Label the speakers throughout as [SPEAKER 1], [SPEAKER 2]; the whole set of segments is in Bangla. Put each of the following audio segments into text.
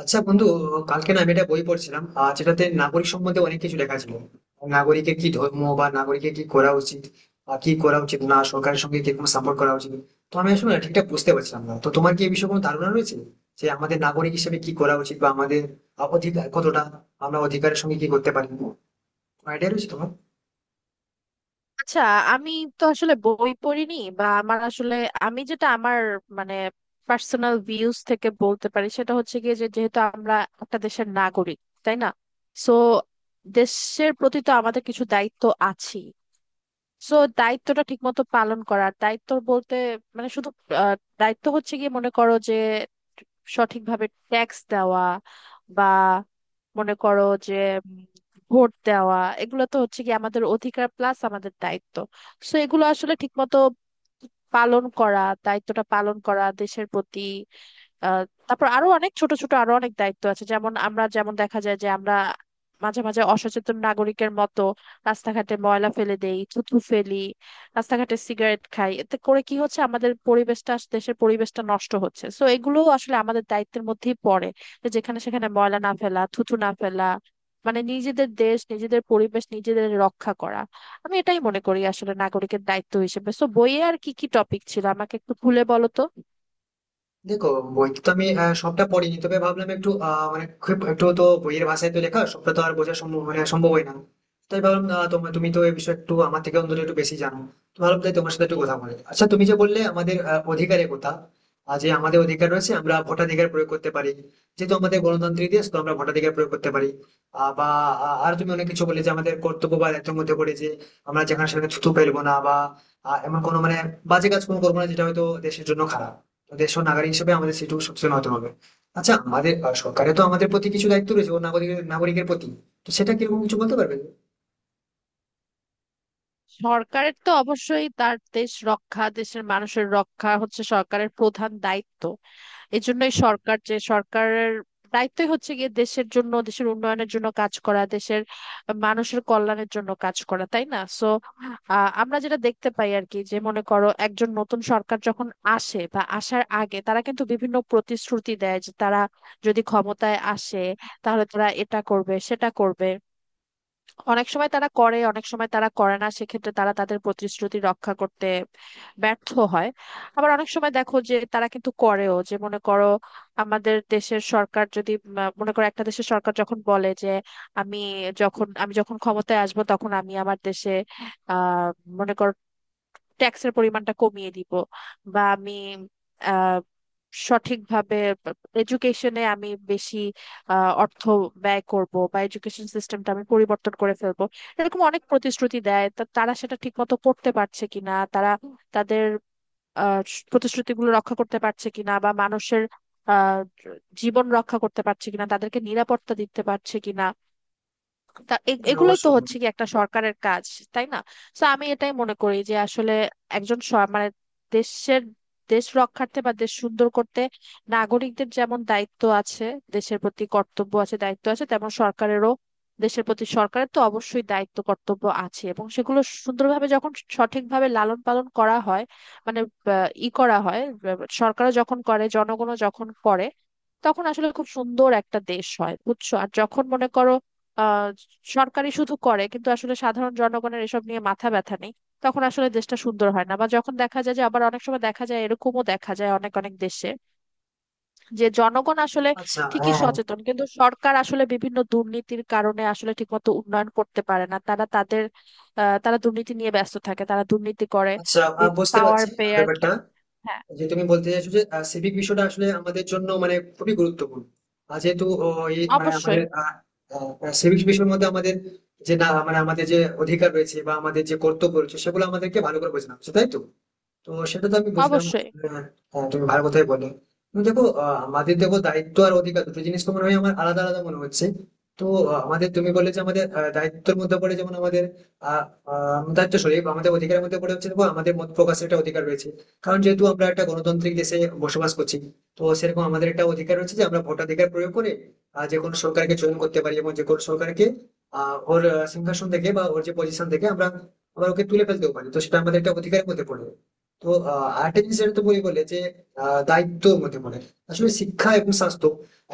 [SPEAKER 1] আচ্ছা বন্ধু, কালকে না আমি একটা বই পড়ছিলাম যেটাতে নাগরিক সম্বন্ধে অনেক কিছু লেখা ছিল। নাগরিকের কি ধর্ম, বা নাগরিকের কি করা উচিত বা কি করা উচিত না, সরকারের সঙ্গে কিরকম সাপোর্ট করা উচিত। তো আমি আসলে না ঠিকঠাক বুঝতে পারছিলাম না, তো তোমার কি এই বিষয়ে কোনো ধারণা রয়েছে যে আমাদের নাগরিক হিসেবে কি করা উচিত, বা আমাদের অধিকার কতটা, আমরা অধিকারের সঙ্গে কি করতে পারি? কোনো আইডিয়া রয়েছে তোমার?
[SPEAKER 2] আচ্ছা, আমি তো আসলে বই পড়িনি বা আমার আসলে আমি যেটা আমার মানে পার্সোনাল ভিউজ থেকে বলতে পারি সেটা হচ্ছে গিয়ে, যে যেহেতু আমরা একটা দেশের নাগরিক, তাই না? সো দেশের প্রতি তো আমাদের কিছু দায়িত্ব আছে। সো দায়িত্বটা ঠিকমতো পালন করার, দায়িত্ব বলতে মানে শুধু আহ, দায়িত্ব হচ্ছে গিয়ে, মনে করো যে সঠিকভাবে ট্যাক্স দেওয়া, বা মনে করো যে উম, ভোট দেওয়া, এগুলো তো হচ্ছে কি আমাদের অধিকার প্লাস আমাদের দায়িত্ব। সো এগুলো আসলে ঠিকমতো পালন করা, দায়িত্বটা পালন করা দেশের প্রতি। আহ, তারপর আরো অনেক ছোট ছোট আরো অনেক দায়িত্ব আছে, যেমন আমরা, যেমন দেখা যায় যে আমরা মাঝে মাঝে অসচেতন নাগরিকের মতো রাস্তাঘাটে ময়লা ফেলে দেই, থুতু ফেলি, রাস্তাঘাটে সিগারেট খাই, এতে করে কি হচ্ছে আমাদের পরিবেশটা, দেশের পরিবেশটা নষ্ট হচ্ছে। সো এগুলো আসলে আমাদের দায়িত্বের মধ্যেই পড়ে যে, যেখানে সেখানে ময়লা না ফেলা, থুতু না ফেলা, মানে নিজেদের দেশ নিজেদের পরিবেশ নিজেদের রক্ষা করা। আমি এটাই মনে করি আসলে নাগরিকের দায়িত্ব হিসেবে। সো বইয়ে আর কি কি টপিক ছিল আমাকে একটু খুলে বলো তো।
[SPEAKER 1] দেখো, বই তো আমি সবটা পড়িনি, তবে ভাবলাম একটু, মানে খুব একটু তো বইয়ের ভাষায় তো লেখা, সবটা তো আর বোঝা সম্ভব মানে সম্ভব হয় না। তাই ভাবলাম তোমার তুমি তো এই বিষয়ে একটু আমার থেকে অন্তত একটু বেশি জানো, তো ভাবলাম তাই তোমার সাথে একটু কথা বলে। আচ্ছা, তুমি যে বললে আমাদের অধিকারের কথা, যে আমাদের অধিকার রয়েছে, আমরা ভোটাধিকার প্রয়োগ করতে পারি, যেহেতু আমাদের গণতান্ত্রিক দেশ, তো আমরা ভোটাধিকার প্রয়োগ করতে পারি। আহ, বা আর তুমি অনেক কিছু বললে যে আমাদের কর্তব্য বা দায়িত্বের মধ্যে পড়ে যে আমরা যেখানে সেখানে থুতু ফেলবো না, বা এমন কোনো মানে বাজে কাজ কোনো করবো না যেটা হয়তো দেশের জন্য খারাপ। তো দেশের নাগরিক হিসেবে আমাদের সেটুকু সচেতন হতে হবে। আচ্ছা, আমাদের সরকারের তো আমাদের প্রতি কিছু দায়িত্ব রয়েছে ও নাগরিকের নাগরিকের প্রতি, তো সেটা কিরকম কিছু বলতে পারবেন?
[SPEAKER 2] সরকারের তো অবশ্যই তার দেশ রক্ষা, দেশের মানুষের রক্ষা হচ্ছে সরকারের প্রধান দায়িত্ব। এজন্যই সরকার, যে সরকারের দায়িত্বই হচ্ছে গিয়ে দেশের জন্য, দেশের উন্নয়নের জন্য কাজ করা, দেশের মানুষের কল্যাণের জন্য কাজ করা, তাই না? সো আমরা যেটা দেখতে পাই আর কি, যে মনে করো একজন নতুন সরকার যখন আসে, বা আসার আগে তারা কিন্তু বিভিন্ন প্রতিশ্রুতি দেয় যে তারা যদি ক্ষমতায় আসে তাহলে তারা এটা করবে সেটা করবে। অনেক সময় তারা করে, অনেক সময় তারা করে না, সেক্ষেত্রে তারা তাদের প্রতিশ্রুতি রক্ষা করতে ব্যর্থ হয়। আবার অনেক সময় দেখো যে তারা কিন্তু করেও, যে মনে করো আমাদের দেশের সরকার যদি মনে করো একটা দেশের সরকার যখন বলে যে আমি, যখন আমি ক্ষমতায় আসবো তখন আমি আমার দেশে আহ মনে করো ট্যাক্সের পরিমাণটা কমিয়ে দিব, বা আমি আহ সঠিকভাবে এডুকেশনে আমি বেশি অর্থ ব্যয় করব, বা এডুকেশন সিস্টেমটা আমি পরিবর্তন করে ফেলবো, এরকম অনেক প্রতিশ্রুতি দেয়। তা তারা সেটা ঠিক মতো করতে পারছে কিনা, তারা তাদের আহ, প্রতিশ্রুতিগুলো রক্ষা করতে পারছে কিনা, বা মানুষের আহ, জীবন রক্ষা করতে পারছে কিনা, তাদেরকে নিরাপত্তা দিতে পারছে কিনা, তা
[SPEAKER 1] হ্যাঁ,
[SPEAKER 2] এগুলোই তো
[SPEAKER 1] অবশ্যই।
[SPEAKER 2] হচ্ছে কি একটা সরকারের কাজ, তাই না? তো আমি এটাই মনে করি যে আসলে একজন মানে দেশের, দেশ রক্ষার্থে বা দেশ সুন্দর করতে নাগরিকদের যেমন দায়িত্ব আছে, দেশের প্রতি কর্তব্য আছে দায়িত্ব আছে, তেমন সরকারেরও দেশের প্রতি, সরকারের তো অবশ্যই দায়িত্ব কর্তব্য আছে। এবং সেগুলো সুন্দরভাবে যখন, সঠিকভাবে লালন পালন করা হয় মানে ই করা হয়, সরকারও যখন করে জনগণও যখন করে তখন আসলে খুব সুন্দর একটা দেশ হয়, বুঝছো? আর যখন মনে করো আহ সরকারি শুধু করে কিন্তু আসলে সাধারণ জনগণের এসব নিয়ে মাথা ব্যথা নেই, তখন আসলে দেশটা সুন্দর হয় না। বা যখন দেখা যায় যে, আবার অনেক সময় দেখা যায়, এরকমও দেখা যায় অনেক অনেক দেশে যে জনগণ আসলে
[SPEAKER 1] আচ্ছা,
[SPEAKER 2] ঠিকই
[SPEAKER 1] হ্যাঁ।
[SPEAKER 2] সচেতন কিন্তু সরকার আসলে বিভিন্ন দুর্নীতির কারণে আসলে ঠিকমতো উন্নয়ন করতে পারে না। তারা তাদের তারা দুর্নীতি নিয়ে ব্যস্ত থাকে, তারা দুর্নীতি করে
[SPEAKER 1] আচ্ছা, বুঝতে
[SPEAKER 2] পাওয়ার
[SPEAKER 1] পারছি
[SPEAKER 2] পেয়ে আর কি।
[SPEAKER 1] ব্যাপারটা,
[SPEAKER 2] হ্যাঁ,
[SPEAKER 1] যে তুমি বলতে চাইছো যে সিভিক বিষয়টা আসলে আমাদের জন্য মানে খুবই গুরুত্বপূর্ণ। আর যেহেতু এই মানে আমাদের
[SPEAKER 2] অবশ্যই
[SPEAKER 1] সিভিক বিষয়ের মধ্যে আমাদের যে না মানে আমাদের যে অধিকার রয়েছে বা আমাদের যে কর্তব্য রয়েছে, সেগুলো আমাদেরকে ভালো করে বোঝানো হচ্ছে, তাই তো? তো সেটা তো আমি বুঝলাম,
[SPEAKER 2] অবশ্যই।
[SPEAKER 1] হ্যাঁ, তুমি ভালো কথাই বলে। তুমি দেখো, আমাদের দেখো দায়িত্ব আর অধিকার দুটো জিনিস তো মনে হয় আমার, আলাদা আলাদা মনে হচ্ছে। তো আমাদের তুমি বললে যে আমাদের আহ, দায়িত্বের মধ্যে পড়ে যেমন আমাদের আহ, আহ, দায়িত্ব, সরি, আমাদের অধিকারের মধ্যে পড়ে হচ্ছে, দেখো আমাদের মত প্রকাশের একটা অধিকার রয়েছে, কারণ যেহেতু আমরা একটা গণতান্ত্রিক দেশে বসবাস করছি। তো সেরকম আমাদের একটা অধিকার রয়েছে যে আমরা ভোটাধিকার প্রয়োগ করে যে কোনো সরকারকে চয়ন করতে পারি, এবং যে কোনো সরকারকে ওর সিংহাসন থেকে বা ওর যে পজিশন থেকে আমরা আমরা ওকে তুলে ফেলতেও পারি, তো সেটা আমাদের একটা অধিকারের মধ্যে পড়ে। তো আর্টিফিশিয়াল তো বই বলে যে দায়িত্বর মধ্যে পড়ে আসলে শিক্ষা এবং স্বাস্থ্য।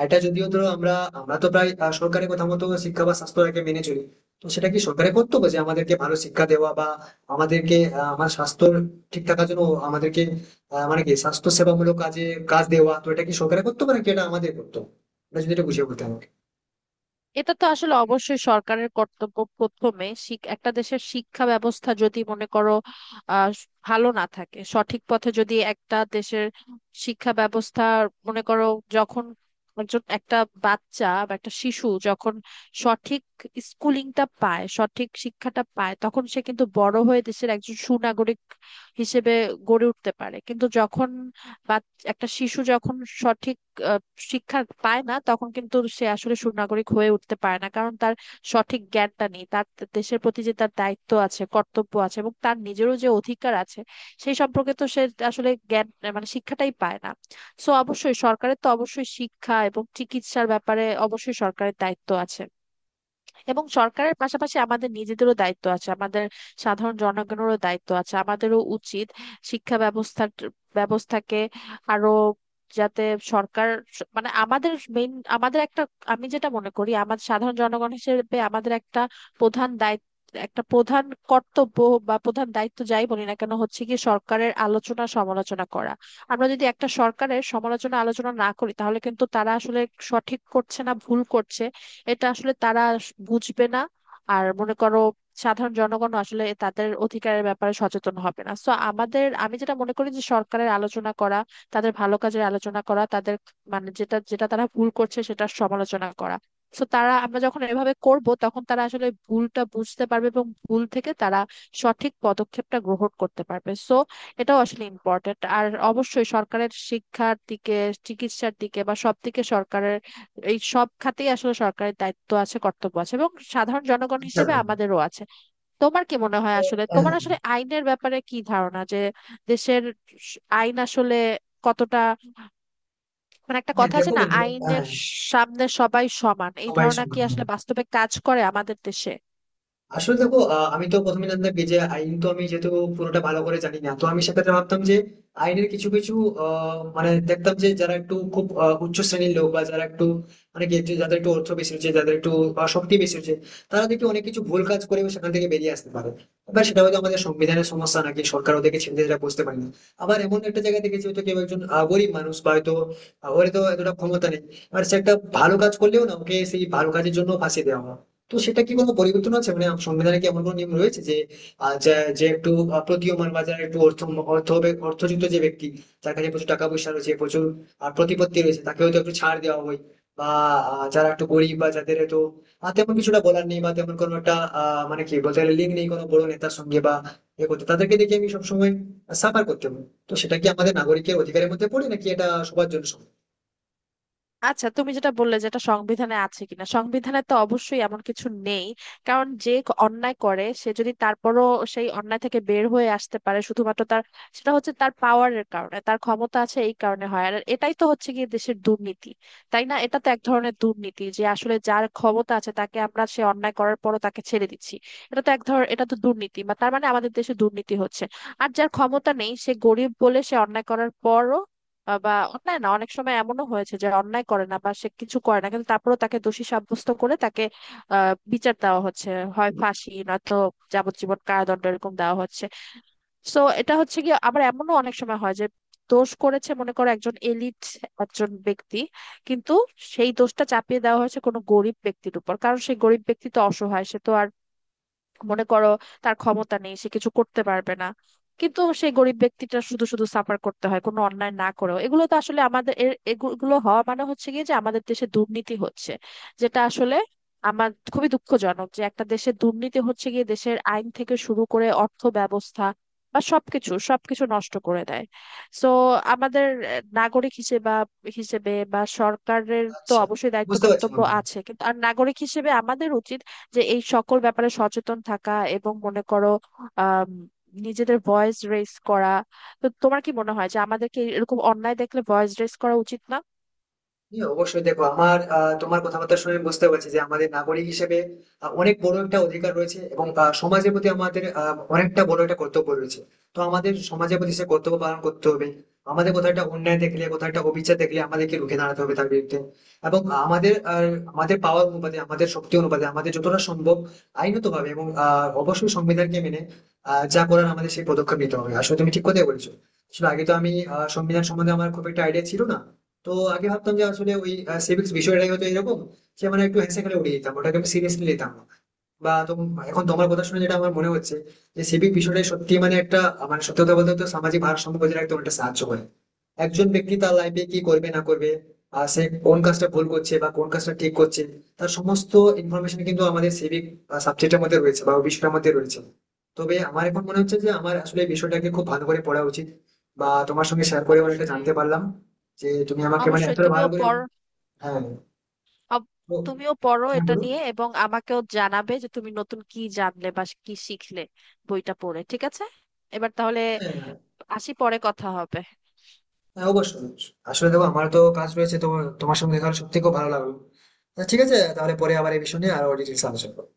[SPEAKER 1] এটা যদিও ধরো আমরা আমরা তো প্রায় সরকারের কথা মতো শিক্ষা বা স্বাস্থ্যটাকে মেনে চলি। তো সেটা কি সরকারের কর্তব্য যে আমাদেরকে ভালো শিক্ষা দেওয়া বা আমাদেরকে আমার স্বাস্থ্য ঠিক থাকার জন্য আমাদেরকে মানে কি স্বাস্থ্য সেবামূলক কাজে কাজ দেওয়া? তো এটা কি সরকারের কর্তব্য নাকি এটা আমাদের কর্তব্য? এটা যদি এটা বুঝিয়ে বলতে আমাকে।
[SPEAKER 2] এটা তো আসলে অবশ্যই সরকারের কর্তব্য। প্রথমে একটা দেশের শিক্ষা ব্যবস্থা যদি মনে করো ভালো না থাকে, সঠিক পথে যদি একটা দেশের শিক্ষা ব্যবস্থা, মনে করো যখন একজন, একটা বাচ্চা বা একটা শিশু যখন সঠিক স্কুলিংটা পায়, সঠিক শিক্ষাটা পায় তখন সে কিন্তু বড় হয়ে দেশের একজন সুনাগরিক হিসেবে গড়ে উঠতে পারে। কিন্তু যখন একটা শিশু যখন সঠিক আহ, শিক্ষা পায় না তখন কিন্তু সে আসলে সুনাগরিক হয়ে উঠতে পারে না, কারণ তার সঠিক জ্ঞানটা নেই। তার দেশের প্রতি যে তার দায়িত্ব আছে কর্তব্য আছে এবং তার নিজেরও যে অধিকার আছে সেই সম্পর্কে তো সে আসলে জ্ঞান মানে শিক্ষাটাই পায় না। সো অবশ্যই সরকারের তো অবশ্যই শিক্ষা এবং চিকিৎসার ব্যাপারে অবশ্যই সরকারের দায়িত্ব আছে। এবং সরকারের পাশাপাশি আমাদের নিজেদেরও দায়িত্ব আছে, আমাদের সাধারণ জনগণেরও দায়িত্ব আছে। আমাদেরও উচিত শিক্ষা ব্যবস্থাকে আরো, যাতে সরকার মানে আমাদের মেইন, আমাদের একটা, আমি যেটা মনে করি আমাদের সাধারণ জনগণ হিসেবে আমাদের একটা প্রধান দায়িত্ব, একটা প্রধান কর্তব্য বা প্রধান দায়িত্ব যাই বলি না কেন, হচ্ছে কি সরকারের আলোচনা সমালোচনা করা। আমরা যদি একটা সরকারের সমালোচনা আলোচনা না করি তাহলে কিন্তু তারা আসলে সঠিক করছে না ভুল করছে এটা আসলে তারা বুঝবে না। আর মনে করো সাধারণ জনগণ আসলে তাদের অধিকারের ব্যাপারে সচেতন হবে না, তো আমাদের, আমি যেটা মনে করি যে সরকারের আলোচনা করা, তাদের ভালো কাজের আলোচনা করা, তাদের মানে যেটা যেটা তারা ভুল করছে সেটা সমালোচনা করা। তো তারা, আমরা যখন এভাবে করব তখন তারা আসলে ভুলটা বুঝতে পারবে এবং ভুল থেকে তারা সঠিক পদক্ষেপটা গ্রহণ করতে পারবে। সো এটাও আসলে ইম্পর্টেন্ট। আর অবশ্যই সরকারের শিক্ষার দিকে, চিকিৎসার দিকে বা সব দিকে সরকারের, এই সব খাতেই আসলে সরকারের দায়িত্ব আছে কর্তব্য আছে এবং সাধারণ জনগণ
[SPEAKER 1] আচ্ছা
[SPEAKER 2] হিসেবে
[SPEAKER 1] বন্ধু,
[SPEAKER 2] আমাদেরও আছে। তোমার কি মনে হয়
[SPEAKER 1] তো,
[SPEAKER 2] আসলে,
[SPEAKER 1] হ্যাঁ।
[SPEAKER 2] তোমার আসলে আইনের ব্যাপারে কি ধারণা, যে দেশের আইন আসলে কতটা মানে, একটা
[SPEAKER 1] হ্যাঁ,
[SPEAKER 2] কথা আছে
[SPEAKER 1] দেখো
[SPEAKER 2] না,
[SPEAKER 1] বন্ধু,
[SPEAKER 2] আইনের
[SPEAKER 1] হ্যাঁ,
[SPEAKER 2] সামনে সবাই সমান, এই
[SPEAKER 1] সবাই
[SPEAKER 2] ধারণা কি
[SPEAKER 1] সমান, হ্যাঁ।
[SPEAKER 2] আসলে বাস্তবে কাজ করে আমাদের দেশে?
[SPEAKER 1] আসলে দেখো, আমি তো প্রথমে জানতাম কি যে আইন তো আমি যেহেতু পুরোটা ভালো করে জানি না, তো আমি সেক্ষেত্রে ভাবতাম যে আইনের কিছু কিছু মানে দেখতাম যে যারা একটু খুব উচ্চ শ্রেণীর লোক বা যারা একটু মানে কি যে যাদের একটু অর্থ বেশি হচ্ছে, যাদের একটু শক্তি বেশি হচ্ছে, তারা দেখি অনেক কিছু ভুল কাজ করে সেখান থেকে বেরিয়ে আসতে পারে। এবার সেটা হয়তো আমাদের সংবিধানের সমস্যা নাকি সরকার ওদেরকে ছেড়ে দিতে বুঝতে পারে না। আবার এমন একটা জায়গায় দেখেছি হয়তো কেউ একজন গরিব মানুষ বা হয়তো ওর তো এতটা ক্ষমতা নেই, এবার সে একটা ভালো কাজ করলেও না ওকে সেই ভালো কাজের জন্য ফাঁসিয়ে দেওয়া হয়। তো সেটা কি কোনো পরিবর্তন আছে, মানে সংবিধানে কি এমন কোনো নিয়ম রয়েছে যে যে একটু প্রতীয়মান বা যারা একটু অর্থ অর্থ হবে- অর্থযুক্ত যে ব্যক্তি, যার কাছে প্রচুর টাকা পয়সা রয়েছে, প্রচুর প্রতিপত্তি রয়েছে, তাকে হয়তো একটু ছাড় দেওয়া হয়, বা যারা একটু গরিব বা যাদের হয়তো তেমন কিছুটা বলার নেই বা তেমন কোনো একটা মানে কি বলতে গেলে লিঙ্ক নেই কোনো বড় নেতার সঙ্গে, বা এ করতে তাদেরকে দেখে আমি সবসময় সাফার করতে হবে। তো সেটা কি আমাদের নাগরিকের অধিকারের মধ্যে পড়ে নাকি এটা সবার জন্য সমান?
[SPEAKER 2] আচ্ছা, তুমি যেটা বললে যেটা সংবিধানে আছে কিনা, সংবিধানে তো অবশ্যই এমন কিছু নেই। কারণ যে অন্যায় করে সে যদি তারপরও সেই অন্যায় থেকে বের হয়ে আসতে পারে শুধুমাত্র তার, সেটা হচ্ছে তার পাওয়ারের কারণে, তার ক্ষমতা আছে এই কারণে হয়, আর এটাই তো হচ্ছে গিয়ে দেশের দুর্নীতি, তাই না? এটা তো এক ধরনের দুর্নীতি যে আসলে যার ক্ষমতা আছে তাকে আমরা সে অন্যায় করার পরও তাকে ছেড়ে দিচ্ছি। এটা তো এক ধর এটা তো দুর্নীতি, বা তার মানে আমাদের দেশে দুর্নীতি হচ্ছে। আর যার ক্ষমতা নেই সে গরিব বলে সে অন্যায় করার পরও বা অন্যায় না, অনেক সময় এমনও হয়েছে যে অন্যায় করে না বা সে কিছু করে না কিন্তু তারপরেও তাকে দোষী সাব্যস্ত করে তাকে বিচার দেওয়া হচ্ছে, হয় ফাঁসি নয়তো যাবজ্জীবন কারাদণ্ড এরকম দেওয়া হচ্ছে। সো এটা হচ্ছে কি, আবার এমনও অনেক সময় হয় যে দোষ করেছে মনে করো একজন এলিট, একজন ব্যক্তি কিন্তু সেই দোষটা চাপিয়ে দেওয়া হয়েছে কোনো গরিব ব্যক্তির উপর, কারণ সেই গরিব ব্যক্তি তো অসহায়, সে তো আর মনে করো তার ক্ষমতা নেই, সে কিছু করতে পারবে না। কিন্তু সেই গরিব ব্যক্তিটা শুধু শুধু সাফার করতে হয় কোনো অন্যায় না করেও। এগুলো তো আসলে আমাদের, এগুলো হওয়া মানে হচ্ছে কি, যে আমাদের দেশে দুর্নীতি হচ্ছে, যেটা আসলে আমার খুবই দুঃখজনক, যে একটা দেশের দুর্নীতি হচ্ছে গিয়ে দেশের আইন থেকে শুরু করে অর্থ ব্যবস্থা বা সবকিছু, সবকিছু নষ্ট করে দেয়। সো আমাদের নাগরিক হিসেবে হিসেবে, বা সরকারের তো
[SPEAKER 1] আচ্ছা,
[SPEAKER 2] অবশ্যই দায়িত্ব
[SPEAKER 1] বুঝতে পারছি
[SPEAKER 2] কর্তব্য
[SPEAKER 1] বন্ধু।
[SPEAKER 2] আছে কিন্তু, আর নাগরিক হিসেবে আমাদের উচিত যে এই সকল ব্যাপারে সচেতন থাকা এবং মনে করো আম, নিজেদের ভয়েস রেজ করা। তো তোমার কি মনে হয় যে আমাদেরকে এরকম অন্যায় দেখলে ভয়েস রেজ করা উচিত না?
[SPEAKER 1] হ্যাঁ, অবশ্যই। দেখো, আমার তোমার কথাবার্তা শুনে আমি বুঝতে পারছি যে আমাদের নাগরিক হিসেবে অনেক বড় একটা অধিকার রয়েছে, এবং সমাজের প্রতি আমাদের অনেকটা বড় একটা কর্তব্য রয়েছে। তো আমাদের সমাজের প্রতি সে কর্তব্য পালন করতে হবে। আমাদের কোথাও একটা অন্যায় দেখলে, কোথাও একটা অবিচার দেখলে আমাদেরকে রুখে দাঁড়াতে হবে তার বিরুদ্ধে, এবং আমাদের আহ, আমাদের পাওয়ার অনুপাতে, আমাদের শক্তি অনুপাতে আমাদের যতটা সম্ভব আইনত ভাবে এবং অবশ্যই সংবিধানকে মেনে যা করার আমাদের সেই পদক্ষেপ নিতে হবে। আসলে তুমি ঠিক কথাই বলেছো। আসলে আগে তো আমি সংবিধান সম্বন্ধে আমার খুব একটা আইডিয়া ছিল না, তো আগে ভাবতাম যে আসলে ওই সিভিক্স বিষয়টাই হয়তো এরকম, যে মানে একটু হেসে খেলে উড়িয়ে দিতাম, ওটাকে আমি সিরিয়াসলি নিতাম না। এখন তোমার কথা শুনে যেটা আমার মনে হচ্ছে যে সিভিক বিষয়টা সত্যি মানে একটা মানে সত্যি কথা বলতে তো সামাজিক ভারসাম্য বজায় রাখতে অনেকটা সাহায্য করে। একজন ব্যক্তি তার লাইফে কি করবে না করবে, আর সে কোন কাজটা ভুল করছে বা কোন কাজটা ঠিক করছে, তার সমস্ত ইনফরমেশন কিন্তু আমাদের সিভিক সাবজেক্টের মধ্যে রয়েছে বা ওই বিষয়টার মধ্যে রয়েছে। তবে আমার এখন মনে হচ্ছে যে আমার আসলে এই বিষয়টাকে খুব ভালো করে পড়া উচিত, বা তোমার সঙ্গে শেয়ার করে অনেকটা
[SPEAKER 2] অবশ্যই
[SPEAKER 1] জানতে পারলাম যে তুমি আমাকে মানে
[SPEAKER 2] অবশ্যই
[SPEAKER 1] এতটা
[SPEAKER 2] তুমিও
[SPEAKER 1] ভালো করে।
[SPEAKER 2] পড়।
[SPEAKER 1] হ্যাঁ।
[SPEAKER 2] অব-
[SPEAKER 1] তো
[SPEAKER 2] তুমিও পড়ো
[SPEAKER 1] হ্যাঁ,
[SPEAKER 2] এটা
[SPEAKER 1] বলুন।
[SPEAKER 2] নিয়ে এবং আমাকেও জানাবে যে তুমি নতুন কি জানলে বা কি শিখলে বইটা পড়ে, ঠিক আছে? এবার তাহলে
[SPEAKER 1] হ্যাঁ।
[SPEAKER 2] আসি, পরে কথা হবে।
[SPEAKER 1] হ্যাঁ, অবশ্যই, অবশ্যই। আসলে দেখো আমার তো কাজ রয়েছে, তোমার তোমার সঙ্গে দেখা হলে সত্যি খুব ভালো লাগলো। আচ্ছা, ঠিক আছে, তাহলে পরে আবার এই বিষয় নিয়ে আরো ডিটেলস আলোচনা করবো।